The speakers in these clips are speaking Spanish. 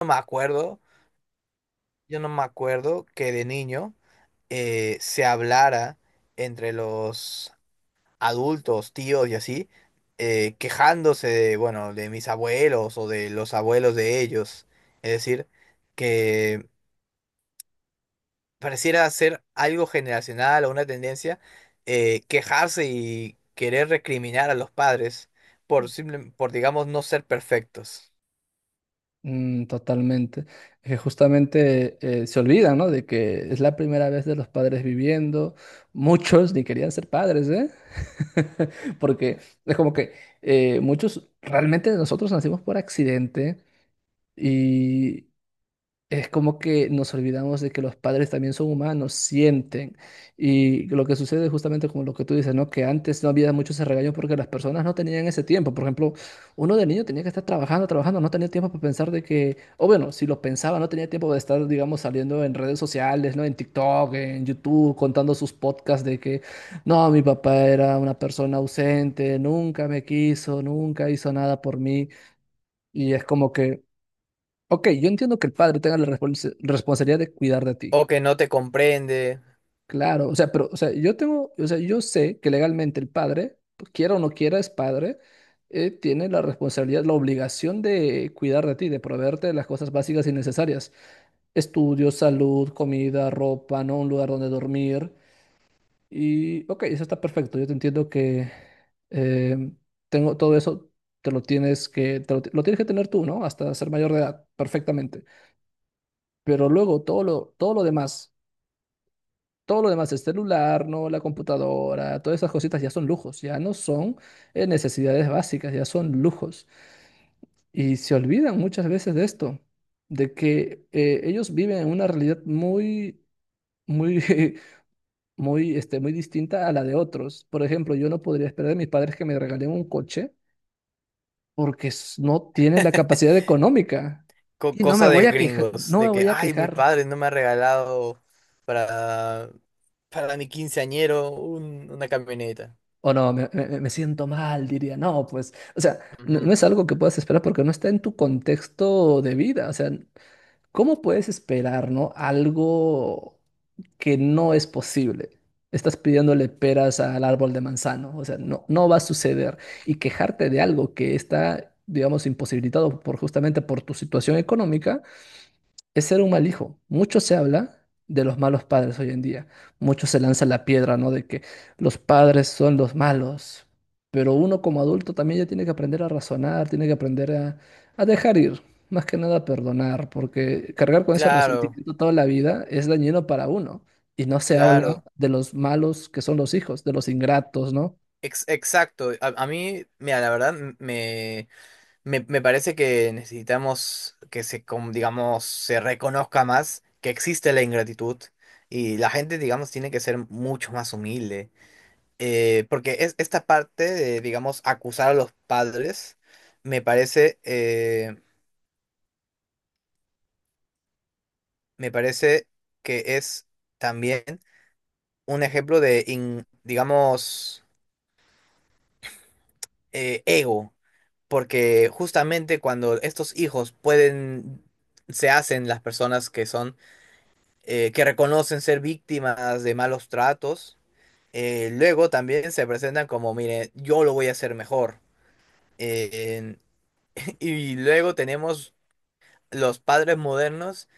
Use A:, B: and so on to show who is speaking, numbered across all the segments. A: No me acuerdo, yo no me acuerdo que de niño se hablara entre los adultos, tíos y así, quejándose de, bueno, de mis abuelos o de los abuelos de ellos. Es decir, que pareciera ser algo generacional o una tendencia, quejarse y querer recriminar a los padres por digamos no ser perfectos
B: Mm, totalmente. Que justamente se olvida, ¿no? De que es la primera vez de los padres viviendo. Muchos ni querían ser padres, ¿eh? Porque es como que muchos, realmente nosotros nacimos por accidente y es como que nos olvidamos de que los padres también son humanos, sienten. Y lo que sucede es justamente como lo que tú dices, ¿no? Que antes no había mucho ese regaño porque las personas no tenían ese tiempo. Por ejemplo, uno de niño tenía que estar trabajando, trabajando, no tenía tiempo para pensar de que, o bueno, si lo pensaba, no tenía tiempo de estar, digamos, saliendo en redes sociales, ¿no? En TikTok, en YouTube, contando sus podcasts de que, no, mi papá era una persona ausente, nunca me quiso, nunca hizo nada por mí. Y es como que... Ok, yo entiendo que el padre tenga la responsabilidad de cuidar de ti.
A: o que no te comprende.
B: Claro, o sea, pero, o sea, yo tengo, o sea, yo sé que legalmente el padre, pues, quiera o no quiera, es padre, tiene la responsabilidad, la obligación de cuidar de ti, de proveerte de las cosas básicas y necesarias. Estudios, salud, comida, ropa, ¿no? Un lugar donde dormir. Y, ok, eso está perfecto. Yo te entiendo que eh, tengo todo eso, te lo tienes que, te lo, lo tienes que tener tú, ¿no? Hasta ser mayor de edad, perfectamente. Pero luego todo lo demás, el celular, ¿no? La computadora, todas esas cositas ya son lujos, ya no son necesidades básicas, ya son lujos. Y se olvidan muchas veces de esto, de que ellos viven en una realidad muy, muy, este, muy distinta a la de otros. Por ejemplo, yo no podría esperar de mis padres que me regalen un coche porque no tienen la capacidad económica. Y no me
A: Cosa
B: voy
A: de
B: a quejar,
A: gringos,
B: no me
A: de que,
B: voy a
A: ay, mi
B: quejar.
A: padre no me ha regalado para, para mi quinceañero una camioneta.
B: O no, me siento mal, diría, no, pues, o sea, no, no
A: Ujú.
B: es algo que puedas esperar porque no está en tu contexto de vida, o sea, ¿cómo puedes esperar, no? Algo que no es posible. Estás pidiéndole peras al árbol de manzano, o sea, no, no va a suceder. Y quejarte de algo que está, digamos, imposibilitado por justamente por tu situación económica, es ser un mal hijo. Mucho se habla de los malos padres hoy en día. Mucho se lanza la piedra, ¿no? De que los padres son los malos. Pero uno como adulto también ya tiene que aprender a razonar, tiene que aprender a dejar ir, más que nada a perdonar, porque cargar con ese
A: Claro,
B: resentimiento toda la vida es dañino para uno. Y no se habla
A: claro,
B: de los malos que son los hijos, de los ingratos, ¿no?
A: exacto. A mí, mira, la verdad, me parece que necesitamos que se, digamos, se reconozca más que existe la ingratitud y la gente, digamos, tiene que ser mucho más humilde. Porque es esta parte de, digamos, acusar a los padres, me parece, me parece que es también un ejemplo de, digamos, ego, porque justamente cuando estos hijos pueden, se hacen las personas que son, que reconocen ser víctimas de malos tratos, luego también se presentan como, mire, yo lo voy a hacer mejor. Eh, y luego tenemos los padres modernos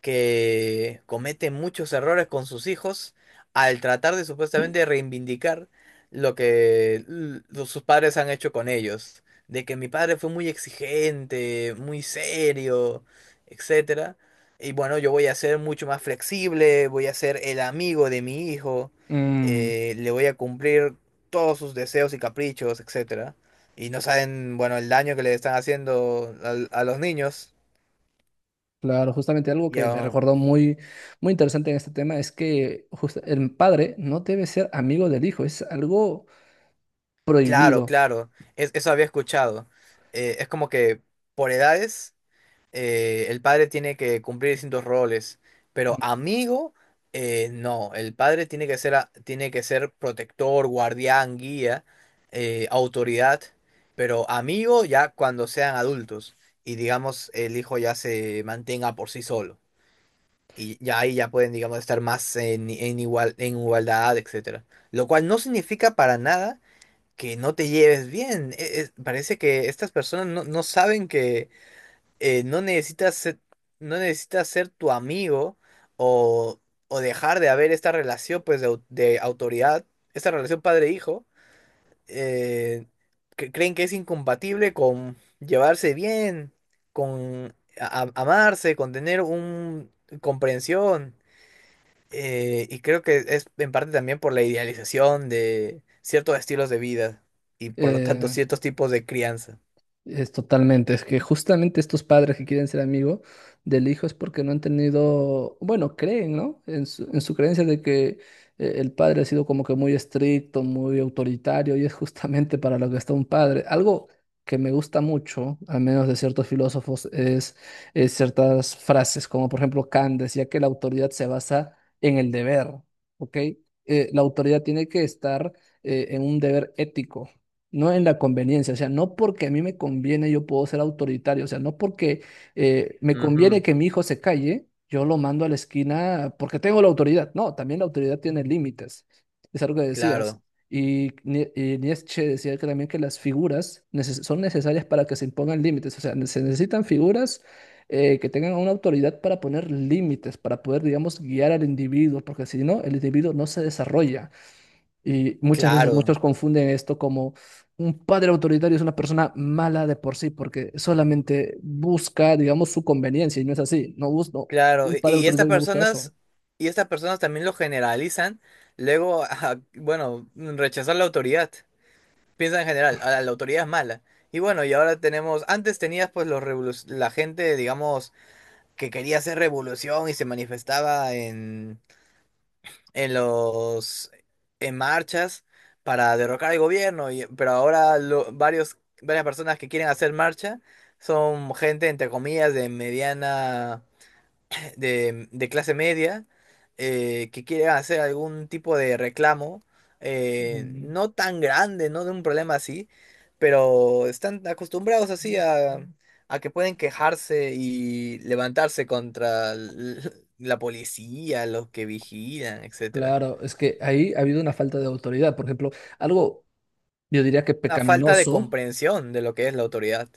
A: que cometen muchos errores con sus hijos al tratar de supuestamente reivindicar lo que sus padres han hecho con ellos, de que mi padre fue muy exigente, muy serio, etcétera. Y bueno, yo voy a ser mucho más flexible, voy a ser el amigo de mi hijo,
B: Mm.
A: le voy a cumplir todos sus deseos y caprichos, etcétera. Y no saben, bueno, el daño que le están haciendo a los niños.
B: Claro, justamente algo que me
A: Ya,
B: recordó muy, muy interesante en este tema es que el padre no debe ser amigo del hijo, es algo
A: claro,
B: prohibido.
A: claro, eso había escuchado. Es como que por edades el padre tiene que cumplir distintos roles, pero
B: Mm.
A: amigo, no, el padre tiene que ser, tiene que ser protector, guardián, guía, autoridad, pero amigo ya cuando sean adultos y digamos el hijo ya se mantenga por sí solo. Y ya ahí ya pueden, digamos, estar más en igual, en igualdad, etcétera. Lo cual no significa para nada que no te lleves bien. Parece que estas personas no, no saben que no necesitas ser, no necesitas ser tu amigo o, o dejar de haber esta relación pues de, de autoridad, esta relación padre-hijo. eh, que creen que es incompatible con llevarse bien, con amarse, con tener un comprensión. Y creo que es en parte también por la idealización de ciertos estilos de vida y por lo tanto
B: Eh,
A: ciertos tipos de crianza.
B: Es totalmente, es que justamente estos padres que quieren ser amigos del hijo es porque no han tenido, bueno, creen, ¿no? En su creencia de que el padre ha sido como que muy estricto, muy autoritario y es justamente para lo que está un padre. Algo que me gusta mucho, al menos de ciertos filósofos, es ciertas frases, como por ejemplo Kant decía que la autoridad se basa en el deber, ¿ok? La autoridad tiene que estar en un deber ético. No en la conveniencia, o sea, no porque a mí me conviene yo puedo ser autoritario, o sea, no porque me conviene
A: Ujú,
B: que mi hijo se calle, yo lo mando a la esquina porque tengo la autoridad. No, también la autoridad tiene límites, es algo que decías.
A: claro,
B: Y, y Nietzsche decía que también que las figuras son necesarias para que se impongan límites, o sea, se necesitan figuras que tengan una autoridad para poner límites, para poder, digamos, guiar al individuo, porque si no, el individuo no se desarrolla. Y muchas veces
A: claro,
B: muchos confunden esto como un padre autoritario es una persona mala de por sí, porque solamente busca, digamos, su conveniencia, y no es así.
A: claro.
B: Un padre autoritario no busca eso.
A: Y estas personas también lo generalizan, luego, a, bueno, rechazar la autoridad. Piensan en general, a la, la autoridad es mala. Y bueno, y ahora tenemos, antes tenías pues la gente, digamos, que quería hacer revolución y se manifestaba en los, en marchas para derrocar al gobierno, y, pero ahora varias personas que quieren hacer marcha son gente, entre comillas, de mediana de clase media que quiere hacer algún tipo de reclamo,
B: Mm,
A: no tan grande, no de un problema así, pero están acostumbrados así a que pueden quejarse y levantarse contra la policía, los que vigilan, etcétera.
B: claro, es que ahí ha habido una falta de autoridad. Por ejemplo, algo yo diría que
A: Una falta de
B: pecaminoso.
A: comprensión de lo que es la autoridad,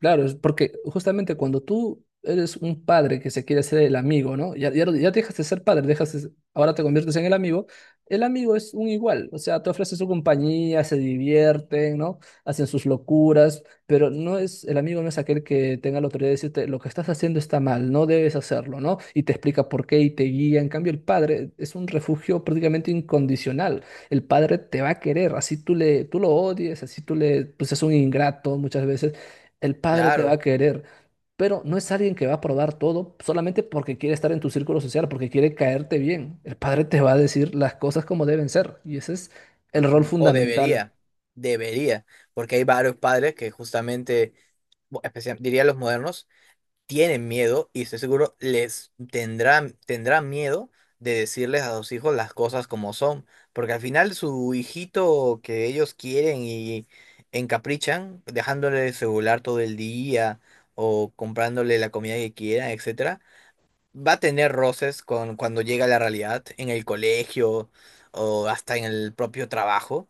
B: Claro, es porque justamente cuando tú eres un padre que se quiere hacer el amigo, ¿no? Ya dejas de ser padre, ahora te conviertes en el amigo. El amigo es un igual, o sea, te ofrece su compañía, se divierten, ¿no? Hacen sus locuras, pero no es, el amigo no es aquel que tenga la autoridad de decirte lo que estás haciendo está mal, no debes hacerlo, ¿no? Y te explica por qué y te guía. En cambio, el padre es un refugio prácticamente incondicional. El padre te va a querer, así tú le, tú lo odies, así tú le, pues es un ingrato muchas veces el padre te va a
A: claro.
B: querer, pero no es alguien que va a probar todo solamente porque quiere estar en tu círculo social, porque quiere caerte bien. El padre te va a decir las cosas como deben ser y ese es el rol
A: Ujú. O
B: fundamental.
A: debería, debería, porque hay varios padres que justamente, diría los modernos, tienen miedo y estoy seguro les tendrán, tendrán miedo de decirles a sus hijos las cosas como son, porque al final su hijito que ellos quieren y encaprichan, dejándole el celular todo el día o comprándole la comida que quieran, etcétera va a tener roces con cuando llega a la realidad, en el colegio o hasta en el propio trabajo.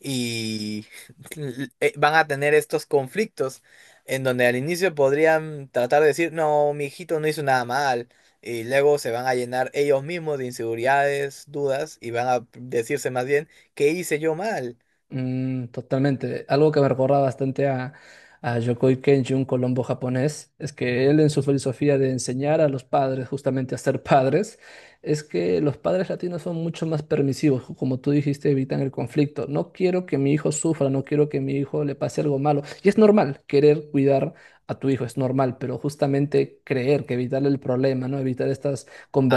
A: Y van a tener estos conflictos en donde al inicio podrían tratar de decir, no, mi hijito no hizo nada mal. Y luego se van a llenar ellos mismos de inseguridades, dudas, y van a decirse más bien, ¿qué hice yo mal?
B: Mm, totalmente. Algo que me recuerda bastante a Yokoi Kenji, un colombo japonés, es que él en su filosofía de enseñar a los padres justamente a ser padres, es que los padres latinos son mucho más permisivos, como tú dijiste, evitan el conflicto. No quiero que mi hijo sufra, no quiero que mi hijo le pase algo malo. Y es normal querer cuidar a tu hijo, es normal, pero justamente creer que evitarle el problema, ¿no? Evitar estas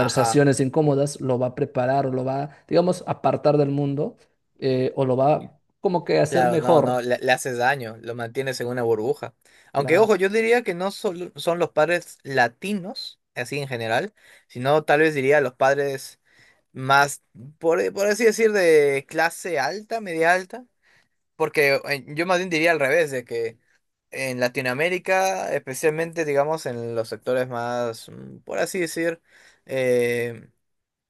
A: Ajá.
B: incómodas, lo va a preparar o lo va, digamos, apartar del mundo o lo va como que hacer
A: Claro, no,
B: mejor,
A: no, le haces daño, lo mantienes en una burbuja. Aunque,
B: claro.
A: ojo, yo diría que no solo son los padres latinos, así en general, sino tal vez diría los padres más, por así decir, de clase alta, media alta, porque yo más bien diría al revés, de que en Latinoamérica, especialmente, digamos, en los sectores más, mm, por así decir, eh,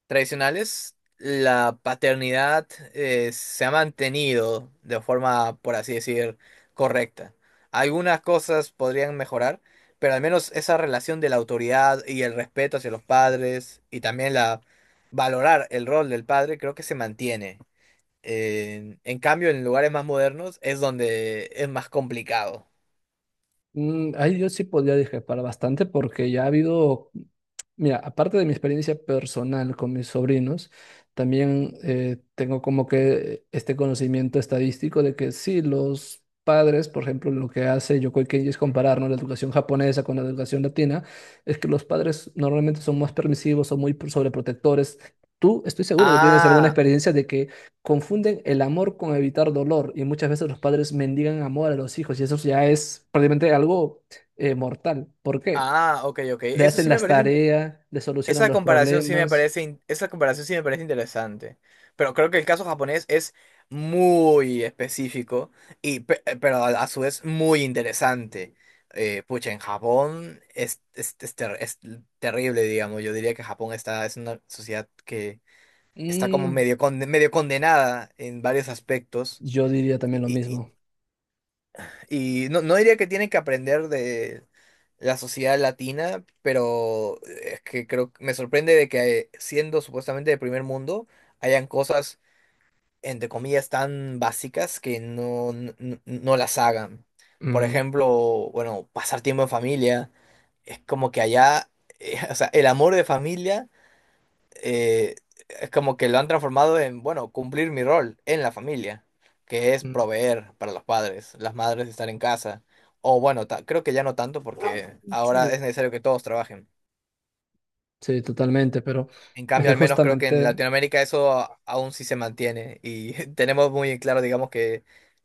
A: tradicionales, la paternidad se ha mantenido de forma, por así decir, correcta. Algunas cosas podrían mejorar, pero al menos esa relación de la autoridad y el respeto hacia los padres y también la valorar el rol del padre creo que se mantiene. En cambio, en lugares más modernos es donde es más complicado.
B: Mm, ahí yo sí podría discrepar bastante porque ya ha habido. Mira, aparte de mi experiencia personal con mis sobrinos, también tengo como que este conocimiento estadístico de que sí, los padres, por ejemplo, lo que hace Yokoi Kenji es comparar, ¿no? La educación japonesa con la educación latina, es que los padres normalmente son más permisivos, son sobreprotectores. Tú, estoy seguro que tienes alguna
A: Ah,
B: experiencia de que confunden el amor con evitar dolor y muchas veces los padres mendigan amor a los hijos y eso ya es prácticamente algo mortal. ¿Por qué?
A: ah, ok, ok.
B: Le
A: Eso
B: hacen
A: sí me
B: las
A: parece.
B: tareas, le solucionan
A: Esa
B: los
A: comparación sí me
B: problemas.
A: parece, esa comparación sí me parece interesante, pero creo que el caso japonés es muy específico y pero a su vez muy interesante. Pucha, en Japón es, es terrible, digamos. Yo diría que Japón está, es una sociedad que está como
B: Mm,
A: medio, medio condenada en varios aspectos.
B: yo diría también lo mismo.
A: Y no, no diría que tienen que aprender de la sociedad latina, pero es que creo que me sorprende de que siendo supuestamente de primer mundo, hayan cosas, entre comillas, tan básicas que no, no, no las hagan. Por
B: Mm,
A: ejemplo, bueno, pasar tiempo en familia, es como que allá, o sea, el amor de familia eh, es como que lo han transformado en, bueno, cumplir mi rol en la familia, que es
B: mm,
A: proveer para los padres, las madres estar en casa. O bueno, creo que ya no tanto porque ahora
B: sí,
A: es necesario que todos trabajen.
B: sí, totalmente, pero
A: En
B: es
A: cambio,
B: que
A: al menos creo que en
B: justamente...
A: Latinoamérica eso aún sí se mantiene y tenemos muy en claro, digamos que,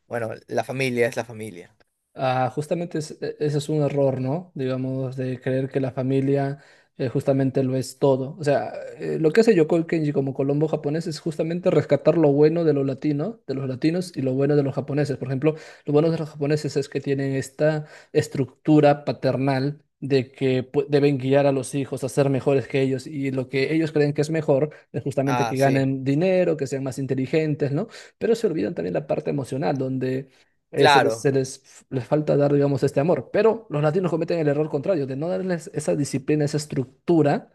A: bueno, la familia es la familia.
B: Ah, justamente ese es un error, ¿no? Digamos, de creer que la familia justamente lo es todo. O sea, lo que hace Yokoi Kenji como Colombo japonés es justamente rescatar lo bueno de lo latino, de los latinos y lo bueno de los japoneses. Por ejemplo, lo bueno de los japoneses es que tienen esta estructura paternal de que deben guiar a los hijos a ser mejores que ellos y lo que ellos creen que es mejor es justamente
A: Ah,
B: que
A: sí,
B: ganen dinero, que sean más inteligentes, ¿no? Pero se olvidan también la parte emocional, donde
A: claro.
B: se les, les falta dar, digamos, este amor. Pero los latinos cometen el error contrario, de no darles esa disciplina, esa estructura,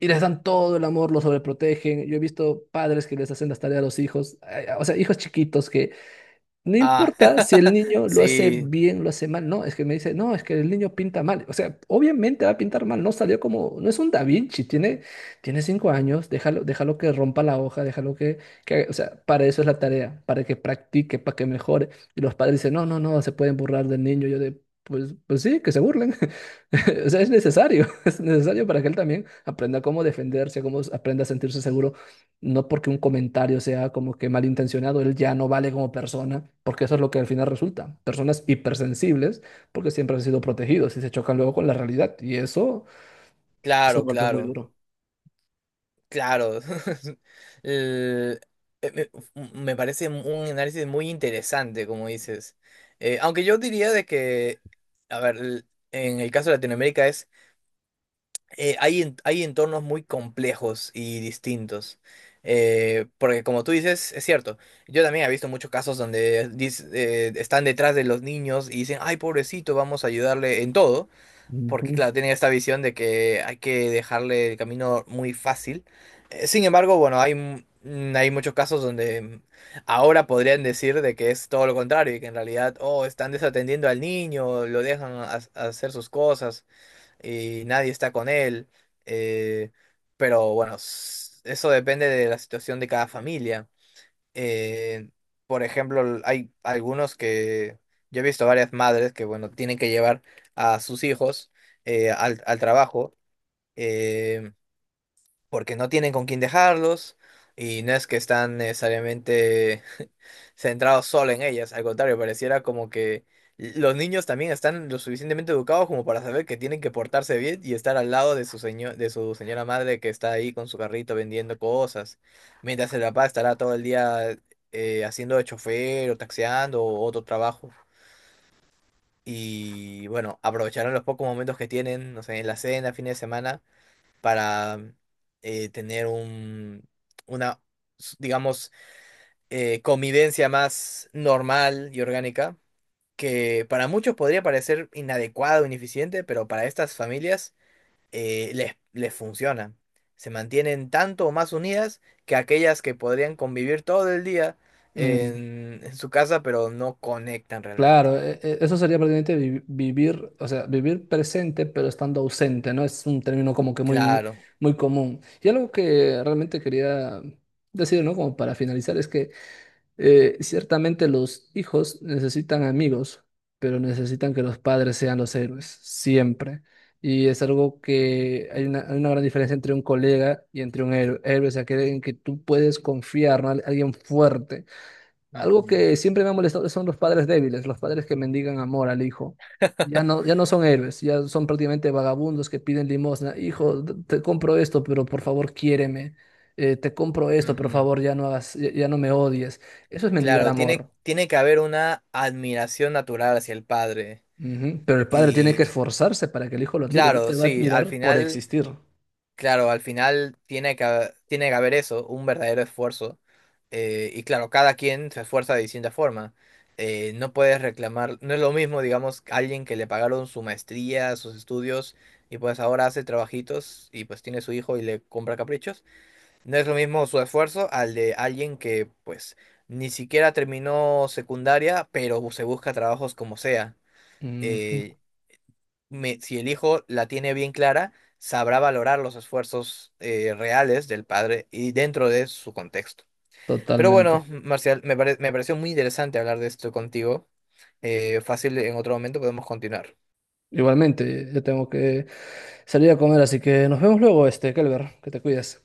B: y les dan todo el amor, los sobreprotegen. Yo he visto padres que les hacen las tareas a los hijos, o sea, hijos chiquitos que no
A: Ah,
B: importa si el niño lo hace
A: sí,
B: bien, lo hace mal. No, es que me dice, no, es que el niño pinta mal. O sea, obviamente va a pintar mal. No salió como, no es un Da Vinci. Tiene 5 años. Déjalo, déjalo que rompa la hoja. Déjalo que, o sea, para eso es la tarea, para que practique, para que mejore. Y los padres dicen, no, no, no, se pueden burlar del niño. Yo de, pues, pues sí, que se burlen. O sea, es necesario, es necesario para que él también aprenda cómo defenderse, cómo aprenda a sentirse seguro no porque un comentario sea como que malintencionado, él ya no vale como persona, porque eso es lo que al final resulta. Personas hipersensibles, porque siempre han sido protegidos y se chocan luego con la realidad. Y eso es un
A: claro,
B: golpe muy
A: claro.
B: duro.
A: Claro, el- eh, me, me parece un análisis muy interesante, como dices. Aunque yo diría de que, a ver, en el caso de Latinoamérica es, hay, hay entornos muy complejos y distintos. Porque como tú dices, es cierto, yo también he visto muchos casos donde están detrás de los niños y dicen, ay, pobrecito, vamos a ayudarle en todo porque
B: Ujú.
A: claro, tienen esta visión de que hay que dejarle el camino muy fácil. Sin embargo, bueno, hay, hay muchos casos donde mm, ahora podrían decir de que es todo lo contrario y que en realidad, oh, están desatendiendo al niño, lo dejan a hacer sus cosas y nadie está con él. Eh, pero bueno, eso depende de la situación de cada familia. Eh, por ejemplo, hay algunos que yo he visto varias madres que, bueno, tienen que llevar a sus hijos al, al trabajo. Eh, Porque no tienen con quién dejarlos y no es que están necesariamente centrados solo en ellas, al contrario, pareciera como que los niños también están lo suficientemente educados como para saber que tienen que portarse bien y estar al lado de de su señora madre que está ahí con su carrito vendiendo cosas, mientras el papá estará todo el día haciendo de chofer o taxeando o otro trabajo. Y bueno, aprovecharán los pocos momentos que tienen, no sé, en la cena, fin de semana para tener un, una, digamos, convivencia más normal y orgánica, que para muchos podría parecer inadecuado, ineficiente, pero para estas familias les funciona. Se mantienen tanto o más unidas que aquellas que podrían convivir todo el día
B: Mm,
A: en su casa, pero no conectan realmente.
B: claro, eso sería prácticamente vivir, o sea, vivir presente pero estando ausente, ¿no? Es un término como que muy,
A: Claro.
B: muy común. Y algo que realmente quería decir, ¿no? Como para finalizar, es que ciertamente los hijos necesitan amigos, pero necesitan que los padres sean los héroes, siempre. Y es algo que hay una gran diferencia entre un colega y entre un héroe. Héroe es aquel en que tú puedes confiar, ¿no? Alguien fuerte, algo
A: Ujú.
B: que siempre me ha molestado son los padres débiles, los padres que mendigan amor al hijo. Ya no, ya no son héroes, ya son prácticamente vagabundos que piden limosna. Hijo, te compro esto, pero por favor quiéreme. Te compro esto, por
A: Ujú.
B: favor ya no hagas, ya, ya no me odies. Eso es mendigar
A: Claro, tiene,
B: amor.
A: tiene que haber una admiración natural hacia el padre.
B: Ujú. Pero el padre tiene que
A: Y
B: esforzarse para que el hijo lo admire. No
A: claro,
B: te va a
A: sí, al
B: admirar por
A: final,
B: existir.
A: claro, al final tiene que, tiene que haber eso, un verdadero esfuerzo. Y claro, cada quien se esfuerza de distinta forma. No puedes reclamar, no es lo mismo, digamos, alguien que le pagaron su maestría, sus estudios, y pues ahora hace trabajitos y pues tiene su hijo y le compra caprichos. No es lo mismo su esfuerzo al de alguien que pues ni siquiera terminó secundaria, pero se busca trabajos como sea.
B: Ujú.
A: eh, si el hijo la tiene bien clara, sabrá valorar los esfuerzos reales del padre y dentro de su contexto. Pero bueno,
B: Totalmente.
A: Marcial, me pareció muy interesante hablar de esto contigo. Fácil, en otro momento podemos continuar.
B: Igualmente, yo tengo que salir a comer, así que nos vemos luego, este, Kelber, que te cuides.